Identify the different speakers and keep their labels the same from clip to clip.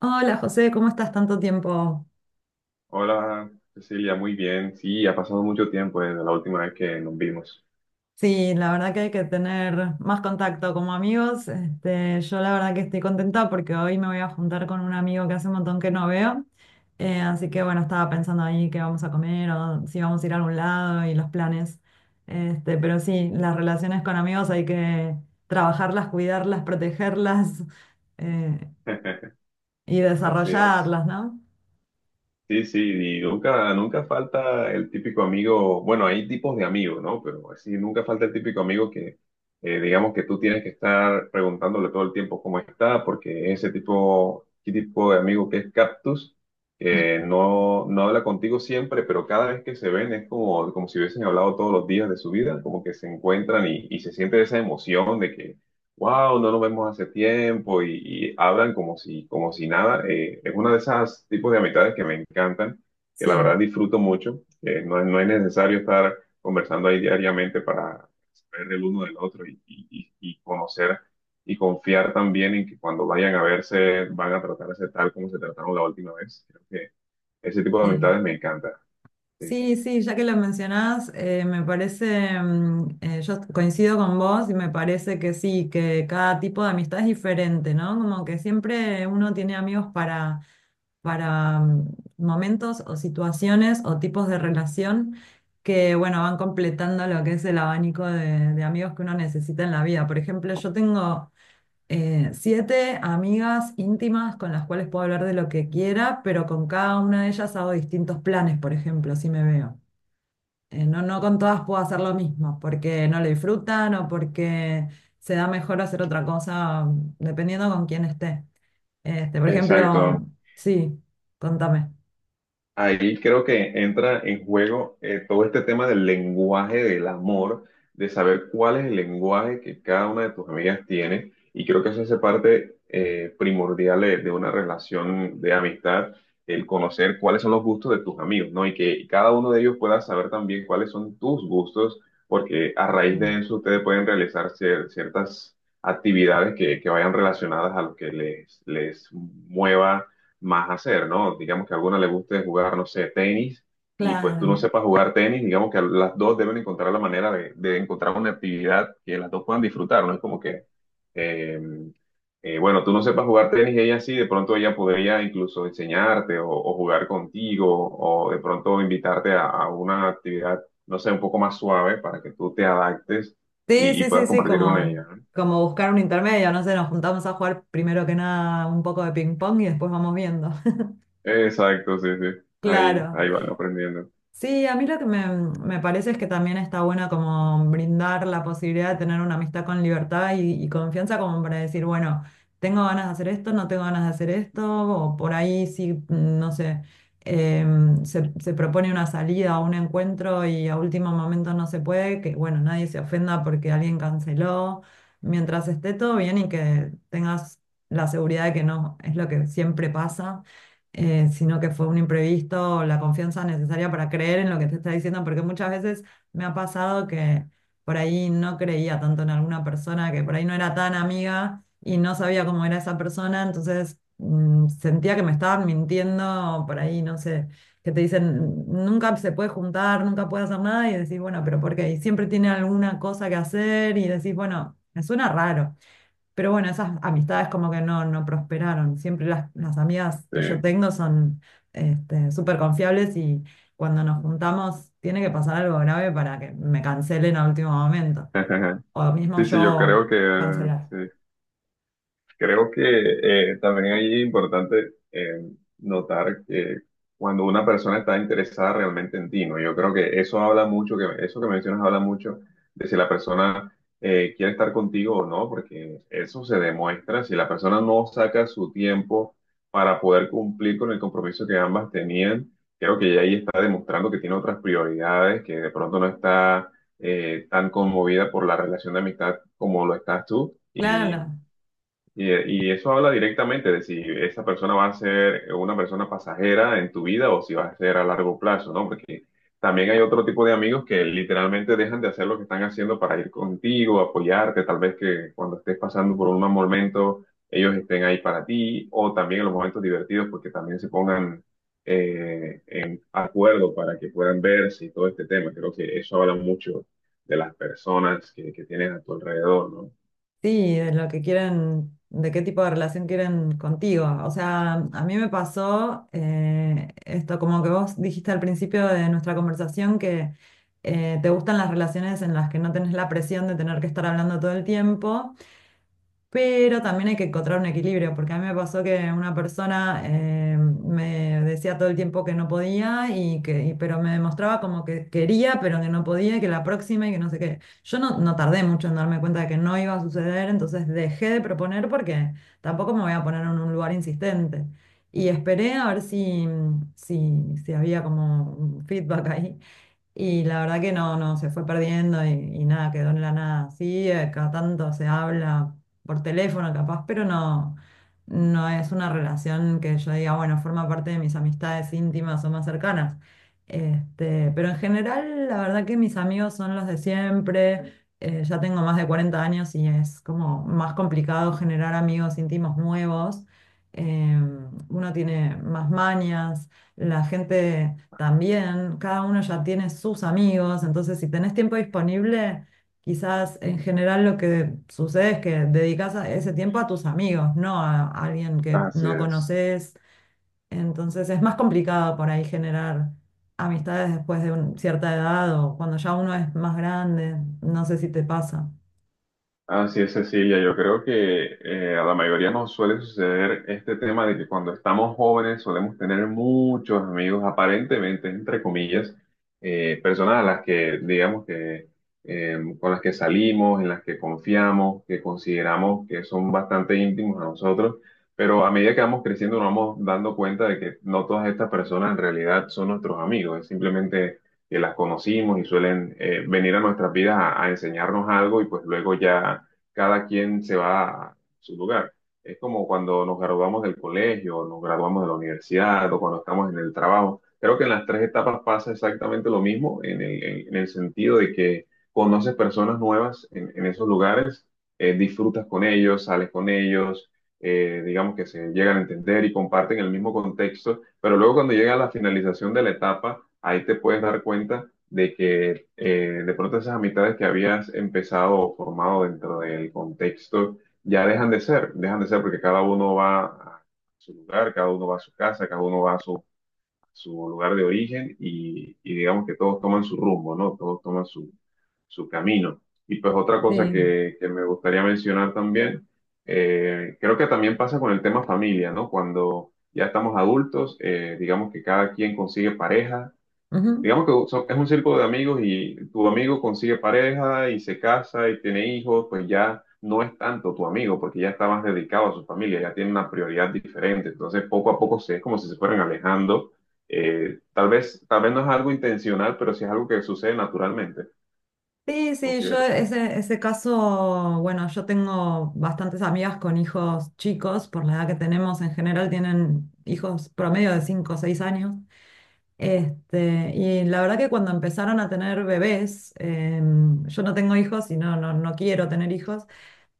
Speaker 1: Hola José, ¿cómo estás tanto tiempo?
Speaker 2: Hola, Cecilia, muy bien. Sí, ha pasado mucho tiempo desde la última vez que nos vimos.
Speaker 1: Sí, la verdad que hay que tener más contacto como amigos. Yo la verdad que estoy contenta porque hoy me voy a juntar con un amigo que hace un montón que no veo. Así que bueno, estaba pensando ahí qué vamos a comer o si vamos a ir a algún lado y los planes. Pero sí, las relaciones con amigos hay que trabajarlas, cuidarlas, protegerlas eh, y
Speaker 2: Así es.
Speaker 1: desarrollarlas, ¿no?
Speaker 2: Sí, sí, y nunca falta el típico amigo. Bueno, hay tipos de amigos, ¿no? Pero sí, nunca falta el típico amigo que, digamos que tú tienes que estar preguntándole todo el tiempo cómo está, porque ese tipo, qué tipo de amigo que es Cactus, que no habla contigo siempre, pero cada vez que se ven es como, como si hubiesen hablado todos los días de su vida, como que se encuentran y se siente esa emoción de que wow, no nos vemos hace tiempo y hablan como si nada. Es una de esas tipos de amistades que me encantan, que la
Speaker 1: Sí,
Speaker 2: verdad disfruto mucho. No, no es necesario estar conversando ahí diariamente para saber el uno del otro y y conocer y confiar también en que cuando vayan a verse van a tratarse tal como se trataron la última vez. Creo que ese tipo de
Speaker 1: sí.
Speaker 2: amistades me encanta. Sí.
Speaker 1: Sí, sí, ya que lo mencionás, me parece, yo coincido con vos y me parece que sí, que cada tipo de amistad es diferente, ¿no? Como que siempre uno tiene amigos para, para momentos o situaciones o tipos de relación que, bueno, van completando lo que es el abanico de amigos que uno necesita en la vida. Por ejemplo, yo tengo siete amigas íntimas con las cuales puedo hablar de lo que quiera, pero con cada una de ellas hago distintos planes, por ejemplo, si me veo. No, no con todas puedo hacer lo mismo, porque no lo disfrutan o porque se da mejor hacer otra cosa, dependiendo con quién esté. Por
Speaker 2: Exacto.
Speaker 1: ejemplo, sí, contame.
Speaker 2: Ahí creo que entra en juego todo este tema del lenguaje del amor, de saber cuál es el lenguaje que cada una de tus amigas tiene. Y creo que eso hace parte primordial de una relación de amistad, el conocer cuáles son los gustos de tus amigos, ¿no? Y que cada uno de ellos pueda saber también cuáles son tus gustos, porque a
Speaker 1: Sí,
Speaker 2: raíz de eso ustedes pueden realizar ciertas actividades que vayan relacionadas a lo que les mueva más hacer, ¿no? Digamos que a alguna le guste jugar, no sé, tenis, y pues tú no
Speaker 1: claro.
Speaker 2: sepas jugar tenis, digamos que las dos deben encontrar la manera de encontrar una actividad que las dos puedan disfrutar, ¿no? Es como que, eh, bueno, tú no sepas jugar tenis y ella sí, de pronto ella podría incluso enseñarte o jugar contigo, o de pronto invitarte a una actividad, no sé, un poco más suave para que tú te adaptes
Speaker 1: Sí,
Speaker 2: y
Speaker 1: sí, sí,
Speaker 2: puedas
Speaker 1: sí,
Speaker 2: compartir con
Speaker 1: como,
Speaker 2: ella, ¿no?
Speaker 1: como buscar un intermedio, no sé, nos juntamos a jugar primero que nada un poco de ping pong y después vamos viendo.
Speaker 2: Exacto, sí, sí. Ahí,
Speaker 1: Claro.
Speaker 2: ahí van aprendiendo.
Speaker 1: Sí, a mí lo que me parece es que también está bueno como brindar la posibilidad de tener una amistad con libertad y confianza como para decir, bueno, tengo ganas de hacer esto, no tengo ganas de hacer esto, o por ahí sí, no sé, se propone una salida o un encuentro y a último momento no se puede, que bueno, nadie se ofenda porque alguien canceló, mientras esté todo bien y que tengas la seguridad de que no es lo que siempre pasa sino que fue un imprevisto, la confianza necesaria para creer en lo que te está diciendo, porque muchas veces me ha pasado que por ahí no creía tanto en alguna persona, que por ahí no era tan amiga y no sabía cómo era esa persona, entonces sentía que me estaban mintiendo por ahí, no sé, que te dicen, nunca se puede juntar, nunca puede hacer nada y decís, bueno, pero ¿por qué? Y siempre tiene alguna cosa que hacer y decís, bueno, me suena raro. Pero bueno, esas amistades como que no, no prosperaron. Siempre las amigas
Speaker 2: Sí.
Speaker 1: que yo tengo son súper confiables y cuando nos juntamos tiene que pasar algo grave para que me cancelen a último momento. O mismo
Speaker 2: Sí, sí, yo
Speaker 1: yo
Speaker 2: creo que,
Speaker 1: cancelar.
Speaker 2: sí, creo que también ahí es importante, notar que cuando una persona está interesada realmente en ti, ¿no? Yo creo que eso habla mucho, que eso que mencionas habla mucho de si la persona quiere estar contigo o no, porque eso se demuestra. Si la persona no saca su tiempo para poder cumplir con el compromiso que ambas tenían, creo que ya ahí está demostrando que tiene otras prioridades, que de pronto no está tan conmovida por la relación de amistad como lo estás tú.
Speaker 1: Claro, no.
Speaker 2: Y, y eso habla directamente de si esa persona va a ser una persona pasajera en tu vida o si va a ser a largo plazo, ¿no? Porque también hay otro tipo de amigos que literalmente dejan de hacer lo que están haciendo para ir contigo, apoyarte, tal vez que cuando estés pasando por un mal momento ellos estén ahí para ti o también en los momentos divertidos porque también se pongan en acuerdo para que puedan verse y todo este tema. Creo que eso habla mucho de las personas que tienes a tu alrededor, ¿no?
Speaker 1: Sí, de lo que quieren, de qué tipo de relación quieren contigo. O sea, a mí me pasó esto, como que vos dijiste al principio de nuestra conversación que te gustan las relaciones en las que no tenés la presión de tener que estar hablando todo el tiempo, pero también hay que encontrar un equilibrio, porque a mí me pasó que una persona me decía todo el tiempo que no podía, pero me demostraba como que quería, pero que no podía, y que la próxima y que no sé qué. Yo no tardé mucho en darme cuenta de que no iba a suceder, entonces dejé de proponer porque tampoco me voy a poner en un lugar insistente. Y esperé a ver si, si había como un feedback ahí. Y la verdad que no, se fue perdiendo y nada, quedó en la nada. Sí, cada tanto se habla por teléfono capaz, pero no es una relación que yo diga, bueno, forma parte de mis amistades íntimas o más cercanas. Pero en general, la verdad que mis amigos son los de siempre. Ya tengo más de 40 años y es como más complicado generar amigos íntimos nuevos. Uno tiene más mañas, la gente también, cada uno ya tiene sus amigos, entonces si tenés tiempo disponible, quizás en general lo que sucede es que dedicas ese tiempo a tus amigos, no a alguien que
Speaker 2: Así
Speaker 1: no
Speaker 2: es.
Speaker 1: conoces, entonces es más complicado por ahí generar amistades después de cierta edad o cuando ya uno es más grande, no sé si te pasa.
Speaker 2: Así es, Cecilia. Yo creo que a la mayoría nos suele suceder este tema de que cuando estamos jóvenes solemos tener muchos amigos, aparentemente, entre comillas, personas a las que, digamos que, con las que salimos, en las que confiamos, que consideramos que son bastante íntimos a nosotros, pero a medida que vamos creciendo nos vamos dando cuenta de que no todas estas personas en realidad son nuestros amigos, es simplemente que las conocimos y suelen venir a nuestras vidas a enseñarnos algo y pues luego ya cada quien se va a su lugar. Es como cuando nos graduamos del colegio, nos graduamos de la universidad o cuando estamos en el trabajo. Creo que en las tres etapas pasa exactamente lo mismo en en el sentido de que conoces personas nuevas en esos lugares, disfrutas con ellos, sales con ellos, digamos que se llegan a entender y comparten el mismo contexto, pero luego cuando llega la finalización de la etapa, ahí te puedes dar cuenta de que de pronto esas amistades que habías empezado o formado dentro del contexto ya dejan de ser porque cada uno va a su lugar, cada uno va a su casa, cada uno va a su su lugar de origen y digamos que todos toman su rumbo, ¿no? Todos toman su, su camino. Y pues otra cosa
Speaker 1: Sí.
Speaker 2: que me gustaría mencionar también, creo que también pasa con el tema familia, ¿no? Cuando ya estamos adultos, digamos que cada quien consigue pareja,
Speaker 1: Ujú.
Speaker 2: digamos que es un círculo de amigos y tu amigo consigue pareja y se casa y tiene hijos, pues ya no es tanto tu amigo porque ya está más dedicado a su familia, ya tiene una prioridad diferente. Entonces poco a poco se, es como si se fueran alejando, tal vez no es algo intencional, pero sí es algo que sucede naturalmente,
Speaker 1: Sí, sí, yo
Speaker 2: considero.
Speaker 1: ese, ese caso, bueno, yo tengo bastantes amigas con hijos chicos, por la edad que tenemos en general tienen hijos promedio de 5 o 6 años. Y la verdad que cuando empezaron a tener bebés, yo no tengo hijos y no, no, no quiero tener hijos,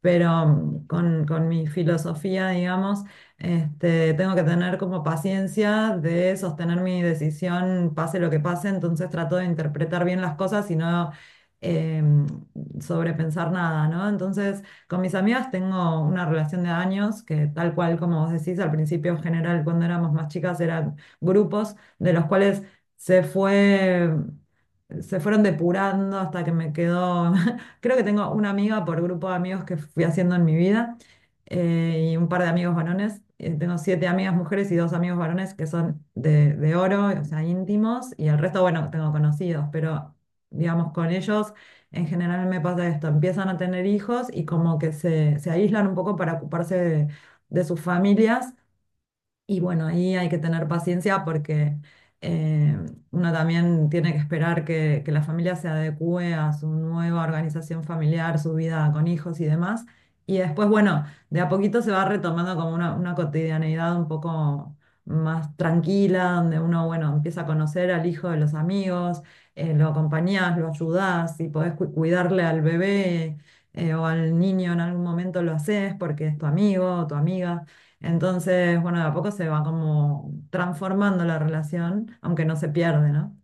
Speaker 1: pero con mi filosofía, digamos, tengo que tener como paciencia de sostener mi decisión, pase lo que pase, entonces trato de interpretar bien las cosas y no eh, sobrepensar nada, ¿no? Entonces, con mis amigas tengo una relación de años que tal cual como vos decís, al principio en general cuando éramos más chicas eran grupos de los cuales se fue se fueron depurando hasta que me quedó Creo que tengo una amiga por grupo de amigos que fui haciendo en mi vida y un par de amigos varones. Tengo siete amigas mujeres y dos amigos varones que son de oro, o sea, íntimos, y el resto, bueno, tengo conocidos, pero digamos, con ellos en general me pasa esto, empiezan a tener hijos y como que se aíslan un poco para ocuparse de sus familias. Y bueno, ahí hay que tener paciencia porque eh, uno también tiene que esperar que la familia se adecue a su nueva organización familiar, su vida con hijos y demás. Y después, bueno, de a poquito se va retomando como una cotidianeidad un poco más tranquila, donde uno, bueno, empieza a conocer al hijo de los amigos, lo acompañás, lo ayudás y podés cuidarle al bebé o al niño en algún momento lo haces porque es tu amigo o tu amiga. Entonces, bueno, de a poco se va como transformando la relación, aunque no se pierde, ¿no?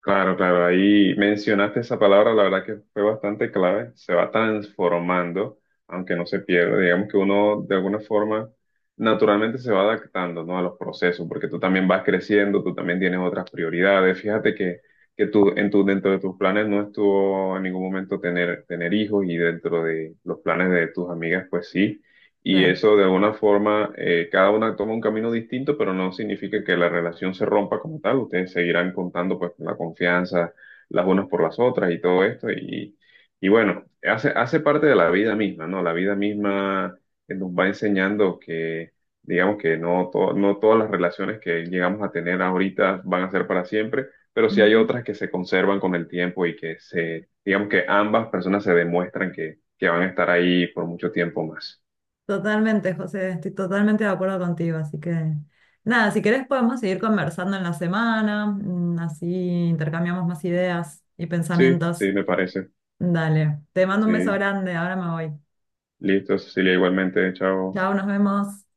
Speaker 2: Claro, claro, ahí mencionaste esa palabra, la verdad que fue bastante clave, se va transformando, aunque no se pierde, digamos que uno de alguna forma naturalmente se va adaptando, ¿no?, a los procesos, porque tú también vas creciendo, tú también tienes otras prioridades, fíjate que tú, en tu, dentro de tus planes no estuvo en ningún momento tener, tener hijos y dentro de los planes de tus amigas, pues sí. Y
Speaker 1: Claro.
Speaker 2: eso de alguna forma, cada una toma un camino distinto, pero no significa que la relación se rompa como tal. Ustedes seguirán contando pues la confianza las unas por las otras y todo esto. Y bueno, hace, hace parte de la vida misma, ¿no? La vida misma nos va enseñando que, digamos que no, no todas las relaciones que llegamos a tener ahorita van a ser para siempre, pero sí hay
Speaker 1: Ujú.
Speaker 2: otras que se conservan con el tiempo y que se, digamos que ambas personas se demuestran que van a estar ahí por mucho tiempo más.
Speaker 1: Totalmente, José, estoy totalmente de acuerdo contigo, así que nada, si querés podemos seguir conversando en la semana, así intercambiamos más ideas y
Speaker 2: Sí, sí,
Speaker 1: pensamientos.
Speaker 2: me parece.
Speaker 1: Dale, te mando un beso
Speaker 2: Sí,
Speaker 1: grande, ahora me voy.
Speaker 2: listo, Cecilia, igualmente, chao.
Speaker 1: Chao, nos vemos.